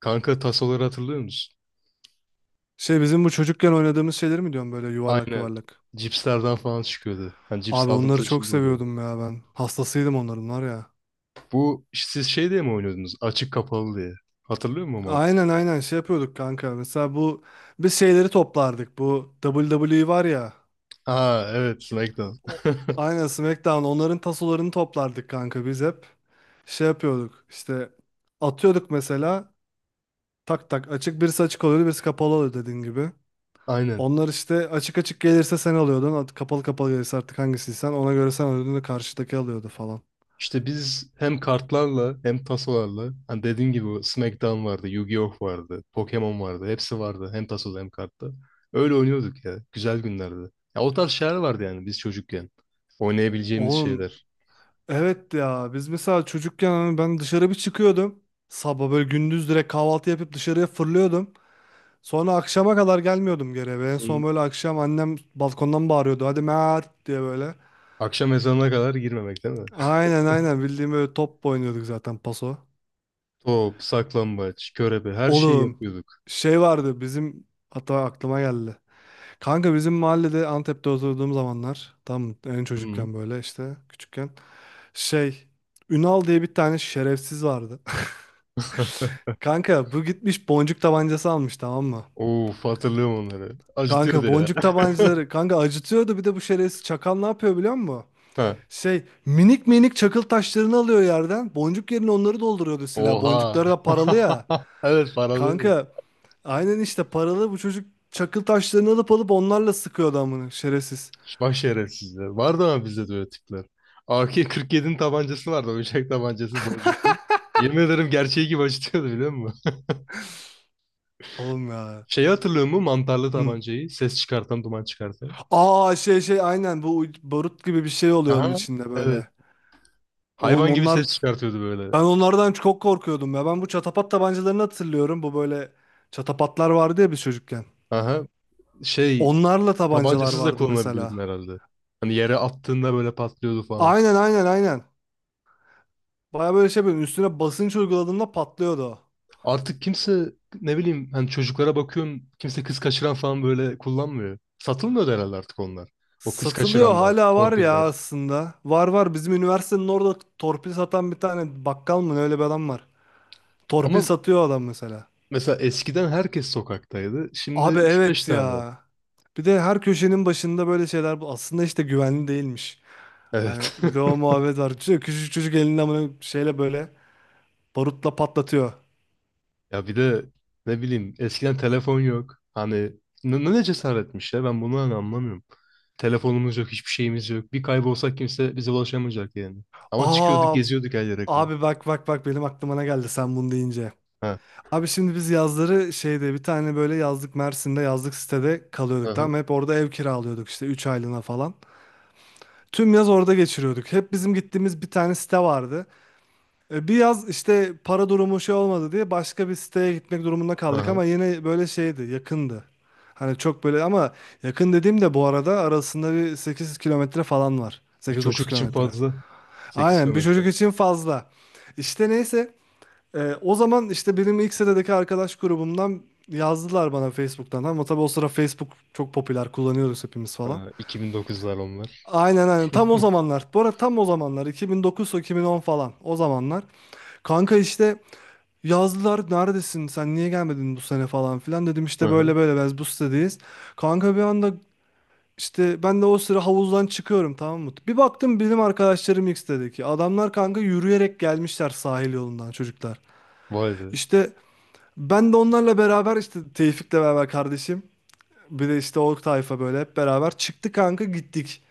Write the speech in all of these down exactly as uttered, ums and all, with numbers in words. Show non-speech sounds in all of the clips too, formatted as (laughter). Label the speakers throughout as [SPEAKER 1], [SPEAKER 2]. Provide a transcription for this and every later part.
[SPEAKER 1] Kanka tasoları hatırlıyor musun?
[SPEAKER 2] Şey bizim bu çocukken oynadığımız şeyleri mi diyorum, böyle yuvarlak
[SPEAKER 1] Aynen.
[SPEAKER 2] yuvarlak.
[SPEAKER 1] Cipslerden falan çıkıyordu. Hani cips
[SPEAKER 2] Abi onları
[SPEAKER 1] aldığımızda
[SPEAKER 2] çok
[SPEAKER 1] içinde oluyordu.
[SPEAKER 2] seviyordum ya ben. Hastasıydım onların var ya.
[SPEAKER 1] Bu siz şey diye mi oynuyordunuz? Açık kapalı diye. Hatırlıyor musun abi?
[SPEAKER 2] Aynen aynen, şey yapıyorduk kanka. Mesela bu biz şeyleri toplardık. Bu W W E var ya.
[SPEAKER 1] Aa evet SmackDown.
[SPEAKER 2] O,
[SPEAKER 1] (laughs)
[SPEAKER 2] aynen SmackDown, onların tasolarını toplardık kanka biz hep. Şey yapıyorduk işte, atıyorduk mesela tak tak, açık birisi açık oluyordu birisi kapalı oluyordu dediğin gibi.
[SPEAKER 1] Aynen.
[SPEAKER 2] Onlar işte açık açık gelirse sen alıyordun, at- kapalı kapalı gelirse artık hangisiysen ona göre sen alıyordun da karşıdaki alıyordu falan.
[SPEAKER 1] İşte biz hem kartlarla hem tasolarla hani dediğin gibi o SmackDown vardı, Yu-Gi-Oh vardı, Pokemon vardı. Hepsi vardı hem tasoda hem kartta. Öyle oynuyorduk ya. Güzel günlerdi. Ya o tarz şeyler vardı yani biz çocukken. Oynayabileceğimiz
[SPEAKER 2] Oğlum.
[SPEAKER 1] şeyler.
[SPEAKER 2] Evet ya, biz mesela çocukken hani ben dışarı bir çıkıyordum. Sabah böyle gündüz direkt kahvaltı yapıp dışarıya fırlıyordum. Sonra akşama kadar gelmiyordum geri eve. En son
[SPEAKER 1] Bunun
[SPEAKER 2] böyle akşam annem balkondan bağırıyordu. Hadi Mert diye böyle.
[SPEAKER 1] akşam ezanına kadar girmemek değil mi?
[SPEAKER 2] Aynen aynen, bildiğim böyle top oynuyorduk zaten paso.
[SPEAKER 1] Top, saklambaç, körebe her şeyi
[SPEAKER 2] Oğlum
[SPEAKER 1] yapıyorduk.
[SPEAKER 2] şey vardı bizim, hatta aklıma geldi. Kanka bizim mahallede Antep'te oturduğum zamanlar tam en
[SPEAKER 1] Hı.
[SPEAKER 2] çocukken böyle işte küçükken, şey, Ünal diye bir tane şerefsiz vardı.
[SPEAKER 1] (laughs)
[SPEAKER 2] Kanka bu gitmiş boncuk tabancası almış, tamam mı?
[SPEAKER 1] Of, hatırlıyorum onları. Acıtıyordu
[SPEAKER 2] Kanka
[SPEAKER 1] ya.
[SPEAKER 2] boncuk
[SPEAKER 1] (laughs)
[SPEAKER 2] tabancaları kanka acıtıyordu, bir de bu şerefsiz çakal ne yapıyor biliyor musun?
[SPEAKER 1] Ha.
[SPEAKER 2] Şey, minik minik çakıl taşlarını alıyor yerden, boncuk yerine onları dolduruyordu, silah
[SPEAKER 1] Oha.
[SPEAKER 2] boncukları da paralı ya.
[SPEAKER 1] (laughs) Evet paralıydı.
[SPEAKER 2] Kanka aynen işte paralı, bu çocuk çakıl taşlarını alıp alıp onlarla sıkıyordu amına şerefsiz.
[SPEAKER 1] Bak şerefsizler. Vardı ama bizde de öyle tipler. A K kırk yedinin tabancası vardı. Oyuncak tabancası boncuklu. Yemin ederim gerçeği gibi acıtıyordu biliyor musun?
[SPEAKER 2] Oğlum ya.
[SPEAKER 1] Şeyi hatırlıyor musun? Mantarlı
[SPEAKER 2] Hı.
[SPEAKER 1] tabancayı. Ses çıkartan, duman çıkartan.
[SPEAKER 2] Aa, şey şey aynen bu barut gibi bir şey oluyor onun
[SPEAKER 1] Aha.
[SPEAKER 2] içinde
[SPEAKER 1] Evet.
[SPEAKER 2] böyle. Oğlum
[SPEAKER 1] Hayvan gibi
[SPEAKER 2] onlar.
[SPEAKER 1] ses çıkartıyordu böyle.
[SPEAKER 2] Ben onlardan çok korkuyordum ya. Ben bu çatapat tabancalarını hatırlıyorum. Bu böyle çatapatlar vardı ya biz çocukken.
[SPEAKER 1] Aha. Şey,
[SPEAKER 2] Onlarla tabancalar
[SPEAKER 1] tabancasız da
[SPEAKER 2] vardı mesela.
[SPEAKER 1] kullanabiliyordun herhalde. Hani yere attığında böyle patlıyordu falan.
[SPEAKER 2] Aynen aynen aynen. Baya böyle şey, böyle üstüne basınç uyguladığında patlıyordu o.
[SPEAKER 1] Artık kimse, ne bileyim, hani çocuklara bakıyorum, kimse kız kaçıran falan böyle kullanmıyor. Satılmıyor da herhalde artık onlar. O kız
[SPEAKER 2] Satılıyor,
[SPEAKER 1] kaçıranlar,
[SPEAKER 2] hala var
[SPEAKER 1] torpiller.
[SPEAKER 2] ya aslında. Var var, bizim üniversitenin orada torpil satan bir tane bakkal mı ne, öyle bir adam var. Torpil
[SPEAKER 1] Ama
[SPEAKER 2] satıyor adam mesela.
[SPEAKER 1] mesela eskiden herkes sokaktaydı. Şimdi
[SPEAKER 2] Abi
[SPEAKER 1] üç beş
[SPEAKER 2] evet
[SPEAKER 1] tane.
[SPEAKER 2] ya. Bir de her köşenin başında böyle şeyler, bu aslında işte güvenli değilmiş. Hani
[SPEAKER 1] Evet.
[SPEAKER 2] bir de o
[SPEAKER 1] (laughs)
[SPEAKER 2] muhabbet var. Çocuk- Küçücük çocuk elinden bunu şeyle böyle barutla patlatıyor.
[SPEAKER 1] Ya bir de ne bileyim eskiden telefon yok. Hani ne, ne cesaretmiş ya, ben bunu hani anlamıyorum. Telefonumuz yok, hiçbir şeyimiz yok. Bir kaybolsak kimse bize ulaşamayacak yani. Ama çıkıyorduk,
[SPEAKER 2] Aa
[SPEAKER 1] geziyorduk her yere kadar.
[SPEAKER 2] abi, bak bak bak benim aklıma ne geldi sen bunu deyince.
[SPEAKER 1] Ha.
[SPEAKER 2] Abi şimdi biz yazları şeyde, bir tane böyle yazlık, Mersin'de yazlık sitede kalıyorduk, tamam
[SPEAKER 1] Aha.
[SPEAKER 2] mı? Hep orada ev kiralıyorduk işte üç aylığına falan. Tüm yaz orada geçiriyorduk. Hep bizim gittiğimiz bir tane site vardı. E, Bir yaz işte para durumu şey olmadı diye başka bir siteye gitmek durumunda kaldık,
[SPEAKER 1] Aha.
[SPEAKER 2] ama yine böyle şeydi, yakındı. Hani çok böyle, ama yakın dediğim de bu arada arasında bir sekiz kilometre falan var.
[SPEAKER 1] Bir
[SPEAKER 2] sekiz dokuz
[SPEAKER 1] çocuk için
[SPEAKER 2] kilometre.
[SPEAKER 1] fazla. Sekiz
[SPEAKER 2] Aynen, bir
[SPEAKER 1] kilometre.
[SPEAKER 2] çocuk için fazla. İşte neyse, e, o zaman işte benim ilk sitedeki arkadaş grubumdan yazdılar bana Facebook'tan, ama tabii o sıra Facebook çok popüler kullanıyoruz hepimiz falan.
[SPEAKER 1] Ha, iki bin dokuzlar onlar.
[SPEAKER 2] Aynen aynen, tam o zamanlar. Bu arada tam o zamanlar iki bin dokuz-iki bin on falan o zamanlar. Kanka işte, yazdılar neredesin sen niye gelmedin bu sene falan filan, dedim işte
[SPEAKER 1] Aha.
[SPEAKER 2] böyle böyle biz bu sitedeyiz. Kanka bir anda, işte ben de o sıra havuzdan çıkıyorum, tamam mı? Bir baktım benim arkadaşlarım ilk sitedeki adamlar, kanka yürüyerek gelmişler sahil yolundan çocuklar.
[SPEAKER 1] Vay be.
[SPEAKER 2] İşte ben de onlarla beraber işte Tevfik'le beraber kardeşim, bir de işte o tayfa böyle hep beraber çıktı kanka, gittik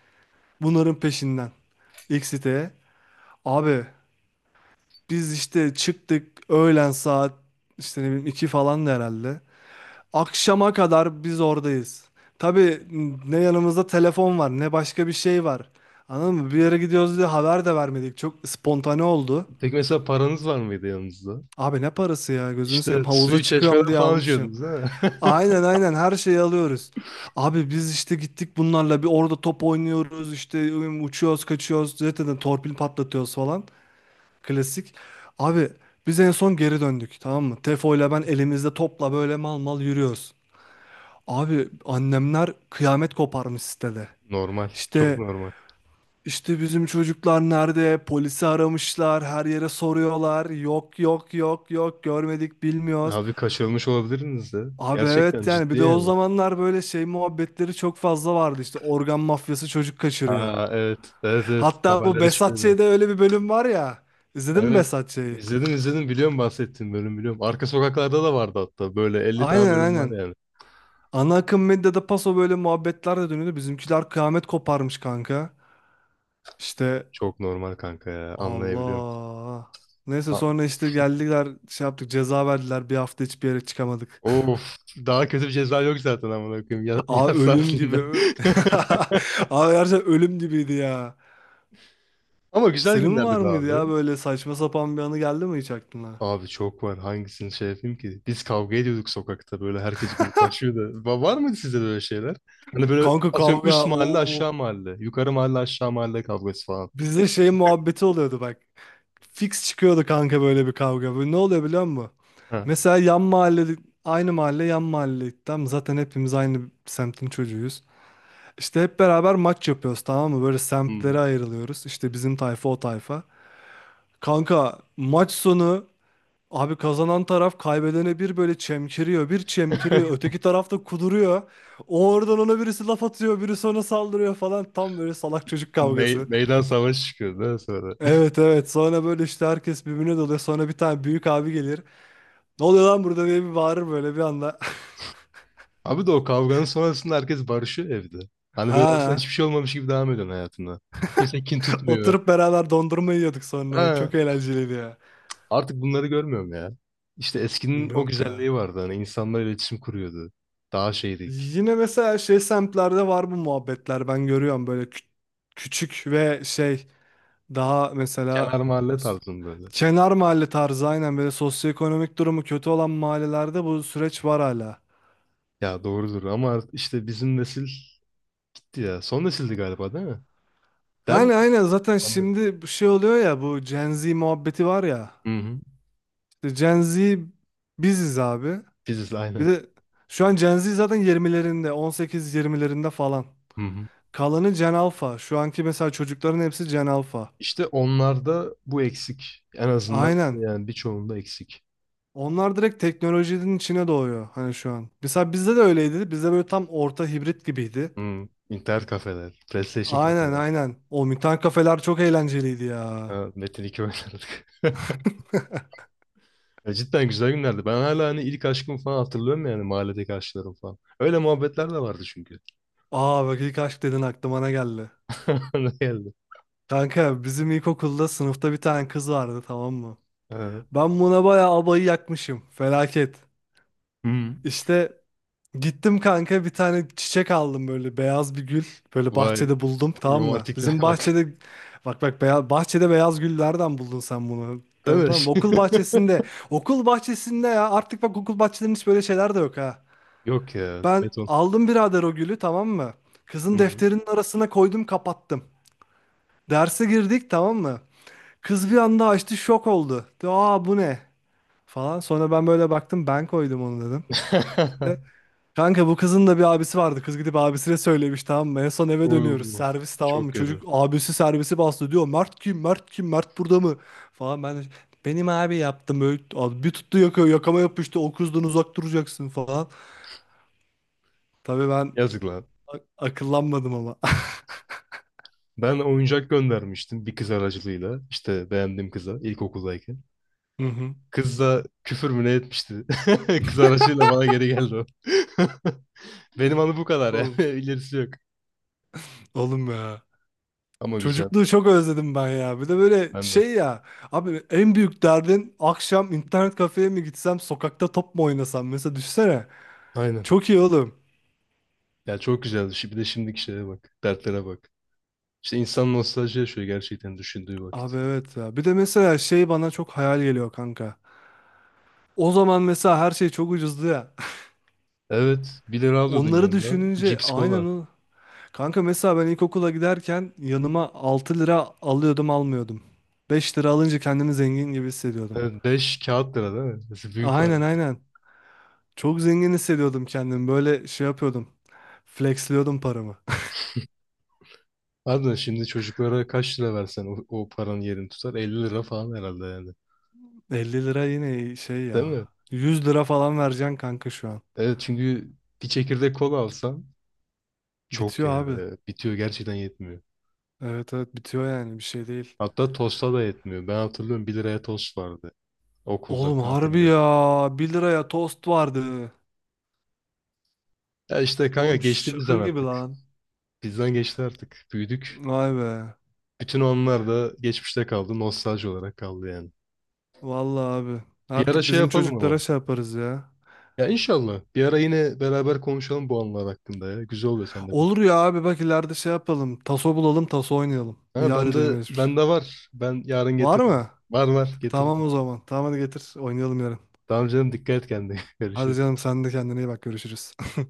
[SPEAKER 2] bunların peşinden ilk siteye. Abi biz işte çıktık öğlen saat işte ne bileyim iki falan da herhalde. Akşama kadar biz oradayız. Tabii ne yanımızda telefon var, ne başka bir şey var. Anladın mı? Bir yere gidiyoruz diye haber de vermedik. Çok spontane oldu.
[SPEAKER 1] Peki mesela paranız var mıydı yanınızda?
[SPEAKER 2] Abi ne parası ya gözünü
[SPEAKER 1] İşte
[SPEAKER 2] seveyim, havuza
[SPEAKER 1] suyu
[SPEAKER 2] çıkıyorum
[SPEAKER 1] çeşmeden
[SPEAKER 2] diye
[SPEAKER 1] falan
[SPEAKER 2] almışım.
[SPEAKER 1] içiyordunuz ha?
[SPEAKER 2] Aynen aynen, her şeyi alıyoruz. Abi biz işte gittik bunlarla bir orada top oynuyoruz işte, ım, uçuyoruz kaçıyoruz zaten torpil patlatıyoruz falan. Klasik. Abi biz en son geri döndük, tamam mı? Tefo ile ben elimizde topla böyle mal mal yürüyoruz. Abi annemler kıyamet koparmış sitede.
[SPEAKER 1] (laughs) Normal. Çok
[SPEAKER 2] İşte
[SPEAKER 1] normal.
[SPEAKER 2] işte bizim çocuklar nerede? Polisi aramışlar, her yere soruyorlar. Yok yok yok yok, görmedik bilmiyoruz.
[SPEAKER 1] Abi kaçırılmış olabiliriniz de.
[SPEAKER 2] Abi
[SPEAKER 1] Gerçekten
[SPEAKER 2] evet yani,
[SPEAKER 1] ciddi
[SPEAKER 2] bir de o
[SPEAKER 1] yani.
[SPEAKER 2] zamanlar böyle şey muhabbetleri çok fazla vardı, işte organ mafyası çocuk kaçırıyor.
[SPEAKER 1] Ha evet. Evet evet.
[SPEAKER 2] Hatta bu
[SPEAKER 1] Haberlere çıkıyordu.
[SPEAKER 2] Behzatçı'da öyle bir bölüm var ya. İzledin mi
[SPEAKER 1] Evet.
[SPEAKER 2] Behzatçı'yı?
[SPEAKER 1] İzledim izledim. Biliyorum, bahsettiğim bölüm biliyorum. Arka sokaklarda da vardı hatta. Böyle elli tane
[SPEAKER 2] Aynen
[SPEAKER 1] bölüm var
[SPEAKER 2] aynen.
[SPEAKER 1] yani.
[SPEAKER 2] Ana akım medyada paso böyle muhabbetler de dönüyordu. Bizimkiler kıyamet koparmış kanka. İşte.
[SPEAKER 1] Çok normal kanka ya. Anlayabiliyorum.
[SPEAKER 2] Allah. Neyse
[SPEAKER 1] Ha-
[SPEAKER 2] sonra işte geldiler şey yaptık ceza verdiler, bir hafta hiçbir yere çıkamadık.
[SPEAKER 1] Of. Daha kötü bir ceza yok zaten amına koyayım. Ya,
[SPEAKER 2] (laughs)
[SPEAKER 1] (laughs)
[SPEAKER 2] Aa,
[SPEAKER 1] yaz
[SPEAKER 2] ölüm gibi.
[SPEAKER 1] saatinde.
[SPEAKER 2] Ö-
[SPEAKER 1] (laughs)
[SPEAKER 2] (laughs) Aa gerçekten ölüm gibiydi ya.
[SPEAKER 1] Ama güzel
[SPEAKER 2] Senin
[SPEAKER 1] günlerdi
[SPEAKER 2] var
[SPEAKER 1] be
[SPEAKER 2] mıydı
[SPEAKER 1] abi.
[SPEAKER 2] ya böyle saçma sapan bir anı, geldi mi hiç aklına?
[SPEAKER 1] Abi çok var. Hangisini şey yapayım ki? Biz kavga ediyorduk sokakta. Böyle herkes gruplaşıyordu. Va- var mıydı sizde böyle şeyler? Hani böyle
[SPEAKER 2] Kanka
[SPEAKER 1] atıyorum,
[SPEAKER 2] kavga.
[SPEAKER 1] üst mahalle aşağı
[SPEAKER 2] Oo.
[SPEAKER 1] mahalle. Yukarı mahalle aşağı mahalle kavgası falan.
[SPEAKER 2] Bizde şey muhabbeti oluyordu bak. Fix çıkıyordu kanka böyle bir kavga. Böyle ne oluyor biliyor musun?
[SPEAKER 1] Ha.
[SPEAKER 2] Mesela yan mahalle, aynı mahalle yan mahalle. Tamam zaten hepimiz aynı semtin çocuğuyuz. İşte hep beraber maç yapıyoruz, tamam mı? Böyle
[SPEAKER 1] Hmm.
[SPEAKER 2] semtlere ayrılıyoruz. İşte bizim tayfa o tayfa. Kanka maç sonu abi kazanan taraf kaybedene bir böyle çemkiriyor. Bir çemkiriyor.
[SPEAKER 1] (laughs)
[SPEAKER 2] Öteki taraf da kuduruyor. O oradan ona birisi laf atıyor. Birisi ona saldırıyor falan. Tam böyle salak çocuk
[SPEAKER 1] Mey-
[SPEAKER 2] kavgası.
[SPEAKER 1] meydan savaşı çıkıyordu ha sonra.
[SPEAKER 2] Evet evet. Sonra böyle işte herkes birbirine doluyor. Sonra bir tane büyük abi gelir. Ne oluyor lan burada diye bir bağırır böyle bir anda. (laughs)
[SPEAKER 1] Abi de o kavganın sonrasında herkes barışıyor evde. Hani böyle aslında
[SPEAKER 2] Ha.
[SPEAKER 1] hiçbir şey olmamış gibi devam ediyorsun hayatına. Kimse kin tutmuyor.
[SPEAKER 2] Oturup beraber dondurma yiyorduk sonra.
[SPEAKER 1] Ha,
[SPEAKER 2] Çok eğlenceliydi ya.
[SPEAKER 1] artık bunları görmüyorum ya. İşte eskinin o
[SPEAKER 2] Yok
[SPEAKER 1] güzelliği
[SPEAKER 2] ya.
[SPEAKER 1] vardı. Hani insanlar iletişim kuruyordu. Daha şeydik.
[SPEAKER 2] Yine mesela şey semtlerde var bu muhabbetler, ben görüyorum böyle kü- küçük ve şey, daha
[SPEAKER 1] Kenar
[SPEAKER 2] mesela,
[SPEAKER 1] mahalle
[SPEAKER 2] s-
[SPEAKER 1] tarzında böyle.
[SPEAKER 2] kenar mahalle tarzı aynen böyle sosyoekonomik durumu kötü olan mahallelerde bu süreç var hala.
[SPEAKER 1] Ya doğrudur ama art- işte bizim nesil ya. Son nesildi galiba değil mi? Değil mi?
[SPEAKER 2] Yani aynen zaten
[SPEAKER 1] Hani,
[SPEAKER 2] şimdi bu şey oluyor ya, bu Gen Z muhabbeti var ya,
[SPEAKER 1] hı hı.
[SPEAKER 2] işte Gen Z biziz abi.
[SPEAKER 1] Biziz
[SPEAKER 2] Bir
[SPEAKER 1] aynen.
[SPEAKER 2] de şu an Gen Z zaten yirmilerinde, on sekiz yirmilerinde falan,
[SPEAKER 1] Hı hı.
[SPEAKER 2] kalanı Gen Alpha, şu anki mesela çocukların hepsi Gen Alpha
[SPEAKER 1] İşte onlarda bu eksik. En azından
[SPEAKER 2] aynen.
[SPEAKER 1] yani birçoğunda eksik.
[SPEAKER 2] Onlar direkt teknolojinin içine doğuyor hani şu an. Mesela bizde de öyleydi. Bizde böyle tam orta hibrit gibiydi.
[SPEAKER 1] Hı. İnternet kafeler, PlayStation
[SPEAKER 2] Aynen
[SPEAKER 1] kafeler.
[SPEAKER 2] aynen. O mutant kafeler çok eğlenceliydi ya.
[SPEAKER 1] Ha, Metin iki oynardık. (laughs) Ya cidden güzel günlerdi. Ben hala hani ilk aşkımı falan hatırlıyorum yani mahalledeki aşklarım falan. Öyle muhabbetler de
[SPEAKER 2] O-
[SPEAKER 1] vardı çünkü.
[SPEAKER 2] Aa bak, ilk aşk dedin aklıma ne geldi.
[SPEAKER 1] (laughs) Ne geldi?
[SPEAKER 2] Kanka bizim ilkokulda sınıfta bir tane kız vardı, tamam mı?
[SPEAKER 1] Ha.
[SPEAKER 2] Ben buna bayağı abayı yakmışım. Felaket.
[SPEAKER 1] Hmm.
[SPEAKER 2] İşte gittim kanka bir tane çiçek aldım, böyle beyaz bir gül. Böyle
[SPEAKER 1] Vay,
[SPEAKER 2] bahçede buldum, tamam mı?
[SPEAKER 1] romantikliğe
[SPEAKER 2] Bizim
[SPEAKER 1] (laughs) bak.
[SPEAKER 2] bahçede, bak bak beyaz, bahçede beyaz gül nereden buldun sen bunu?
[SPEAKER 1] Değil
[SPEAKER 2] Tamam
[SPEAKER 1] mi?
[SPEAKER 2] tamam, okul
[SPEAKER 1] (laughs)
[SPEAKER 2] bahçesinde. Okul bahçesinde ya artık, bak okul bahçelerinin hiç böyle şeyler de yok ha.
[SPEAKER 1] Yok ya,
[SPEAKER 2] Ben
[SPEAKER 1] beton.
[SPEAKER 2] aldım birader o gülü, tamam mı? Kızın
[SPEAKER 1] Hmm.
[SPEAKER 2] defterinin arasına koydum kapattım. Derse girdik, tamam mı? Kız bir anda açtı şok oldu. Dedi, aa bu ne? Falan sonra ben böyle baktım, ben koydum onu dedim.
[SPEAKER 1] (laughs)
[SPEAKER 2] Kanka bu kızın da bir abisi vardı. Kız gidip abisine söylemiş, tamam mı? En son eve dönüyoruz.
[SPEAKER 1] Uuu,
[SPEAKER 2] Servis, tamam
[SPEAKER 1] çok
[SPEAKER 2] mı?
[SPEAKER 1] kötü.
[SPEAKER 2] Çocuk abisi servisi bastı diyor. Mert kim? Mert kim? Mert burada mı? Falan ben de, benim abi yaptım. Böyle, abi bir tuttu yakıyor. Yakama yapıştı. O kızdan uzak duracaksın falan. Tabii ben
[SPEAKER 1] Yazık lan.
[SPEAKER 2] a- akıllanmadım ama.
[SPEAKER 1] Ben oyuncak göndermiştim bir kız aracılığıyla. İşte beğendiğim kıza ilkokuldayken.
[SPEAKER 2] (laughs) Hı hı.
[SPEAKER 1] Kız da küfür mü ne etmişti. (laughs) Kız aracıyla bana geri geldi o. (laughs) Benim anı bu kadar
[SPEAKER 2] Oğlum,
[SPEAKER 1] yani. (laughs) İlerisi yok.
[SPEAKER 2] oğlum ya.
[SPEAKER 1] Ama güzel.
[SPEAKER 2] Çocukluğu çok özledim ben ya. Bir de böyle
[SPEAKER 1] Ben de.
[SPEAKER 2] şey ya. Abi en büyük derdin akşam internet kafeye mi gitsem sokakta top mu oynasam? Mesela düşünsene.
[SPEAKER 1] Aynen.
[SPEAKER 2] Çok iyi oğlum.
[SPEAKER 1] Ya çok güzeldi. Şi- Bir de şimdiki şeye bak. Dertlere bak. İşte insan nostalji yaşıyor gerçekten düşündüğü vakit.
[SPEAKER 2] Abi evet ya. Bir de mesela şey bana çok hayal geliyor kanka. O zaman mesela her şey çok ucuzdu ya.
[SPEAKER 1] Evet. Bir lira
[SPEAKER 2] (laughs)
[SPEAKER 1] alıyordun
[SPEAKER 2] Onları
[SPEAKER 1] yanına.
[SPEAKER 2] düşününce
[SPEAKER 1] Cips,
[SPEAKER 2] aynen
[SPEAKER 1] kola.
[SPEAKER 2] o. Kanka mesela ben ilkokula giderken yanıma altı lira alıyordum almıyordum. Beş lira alınca kendimi zengin gibi hissediyordum.
[SPEAKER 1] Evet, beş kağıt lira değil mi? Nasıl büyük
[SPEAKER 2] Aynen
[SPEAKER 1] para.
[SPEAKER 2] aynen. Çok zengin hissediyordum kendimi. Böyle şey yapıyordum. Flexliyordum paramı.
[SPEAKER 1] Harbiden şimdi çocuklara kaç lira versen o, o paranın yerini tutar? Elli lira falan herhalde yani.
[SPEAKER 2] (laughs) Elli lira yine şey
[SPEAKER 1] Değil
[SPEAKER 2] ya.
[SPEAKER 1] mi?
[SPEAKER 2] Yüz lira falan vereceksin kanka şu an.
[SPEAKER 1] Evet çünkü bir çekirdek kola alsan çok
[SPEAKER 2] Bitiyor
[SPEAKER 1] ya.
[SPEAKER 2] abi.
[SPEAKER 1] Evet, bitiyor gerçekten yetmiyor.
[SPEAKER 2] Evet evet, bitiyor yani bir şey değil.
[SPEAKER 1] Hatta tosta da yetmiyor. Ben hatırlıyorum, bir liraya tost vardı okulda
[SPEAKER 2] Oğlum harbi
[SPEAKER 1] kantinde.
[SPEAKER 2] ya. bir liraya tost vardı.
[SPEAKER 1] Ya işte kanka,
[SPEAKER 2] Oğlum
[SPEAKER 1] geçti
[SPEAKER 2] şaka
[SPEAKER 1] bizden
[SPEAKER 2] gibi
[SPEAKER 1] artık.
[SPEAKER 2] lan.
[SPEAKER 1] Bizden geçti artık. Büyüdük.
[SPEAKER 2] Vay be.
[SPEAKER 1] Bütün onlar da geçmişte kaldı. Nostalji olarak kaldı yani.
[SPEAKER 2] Vallahi abi.
[SPEAKER 1] Bir ara
[SPEAKER 2] Artık
[SPEAKER 1] şey
[SPEAKER 2] bizim
[SPEAKER 1] yapalım ama.
[SPEAKER 2] çocuklara şey yaparız ya.
[SPEAKER 1] Ya inşallah. Bir ara yine beraber konuşalım bu anılar hakkında ya. Güzel oluyor seninle
[SPEAKER 2] Olur
[SPEAKER 1] konuşmak.
[SPEAKER 2] ya abi, bak ileride şey yapalım. Taso bulalım, taso oynayalım. Bir
[SPEAKER 1] Ha,
[SPEAKER 2] yad
[SPEAKER 1] ben de,
[SPEAKER 2] edelim geçmiş.
[SPEAKER 1] ben de var. Ben yarın
[SPEAKER 2] Var
[SPEAKER 1] getiririm.
[SPEAKER 2] mı?
[SPEAKER 1] Var var
[SPEAKER 2] Tamam
[SPEAKER 1] getiririm.
[SPEAKER 2] o zaman. Tamam hadi getir. Oynayalım yarın.
[SPEAKER 1] Tamam canım, dikkat et kendine. (laughs)
[SPEAKER 2] Hadi
[SPEAKER 1] Görüşürüz.
[SPEAKER 2] canım, sen de kendine iyi bak. Görüşürüz.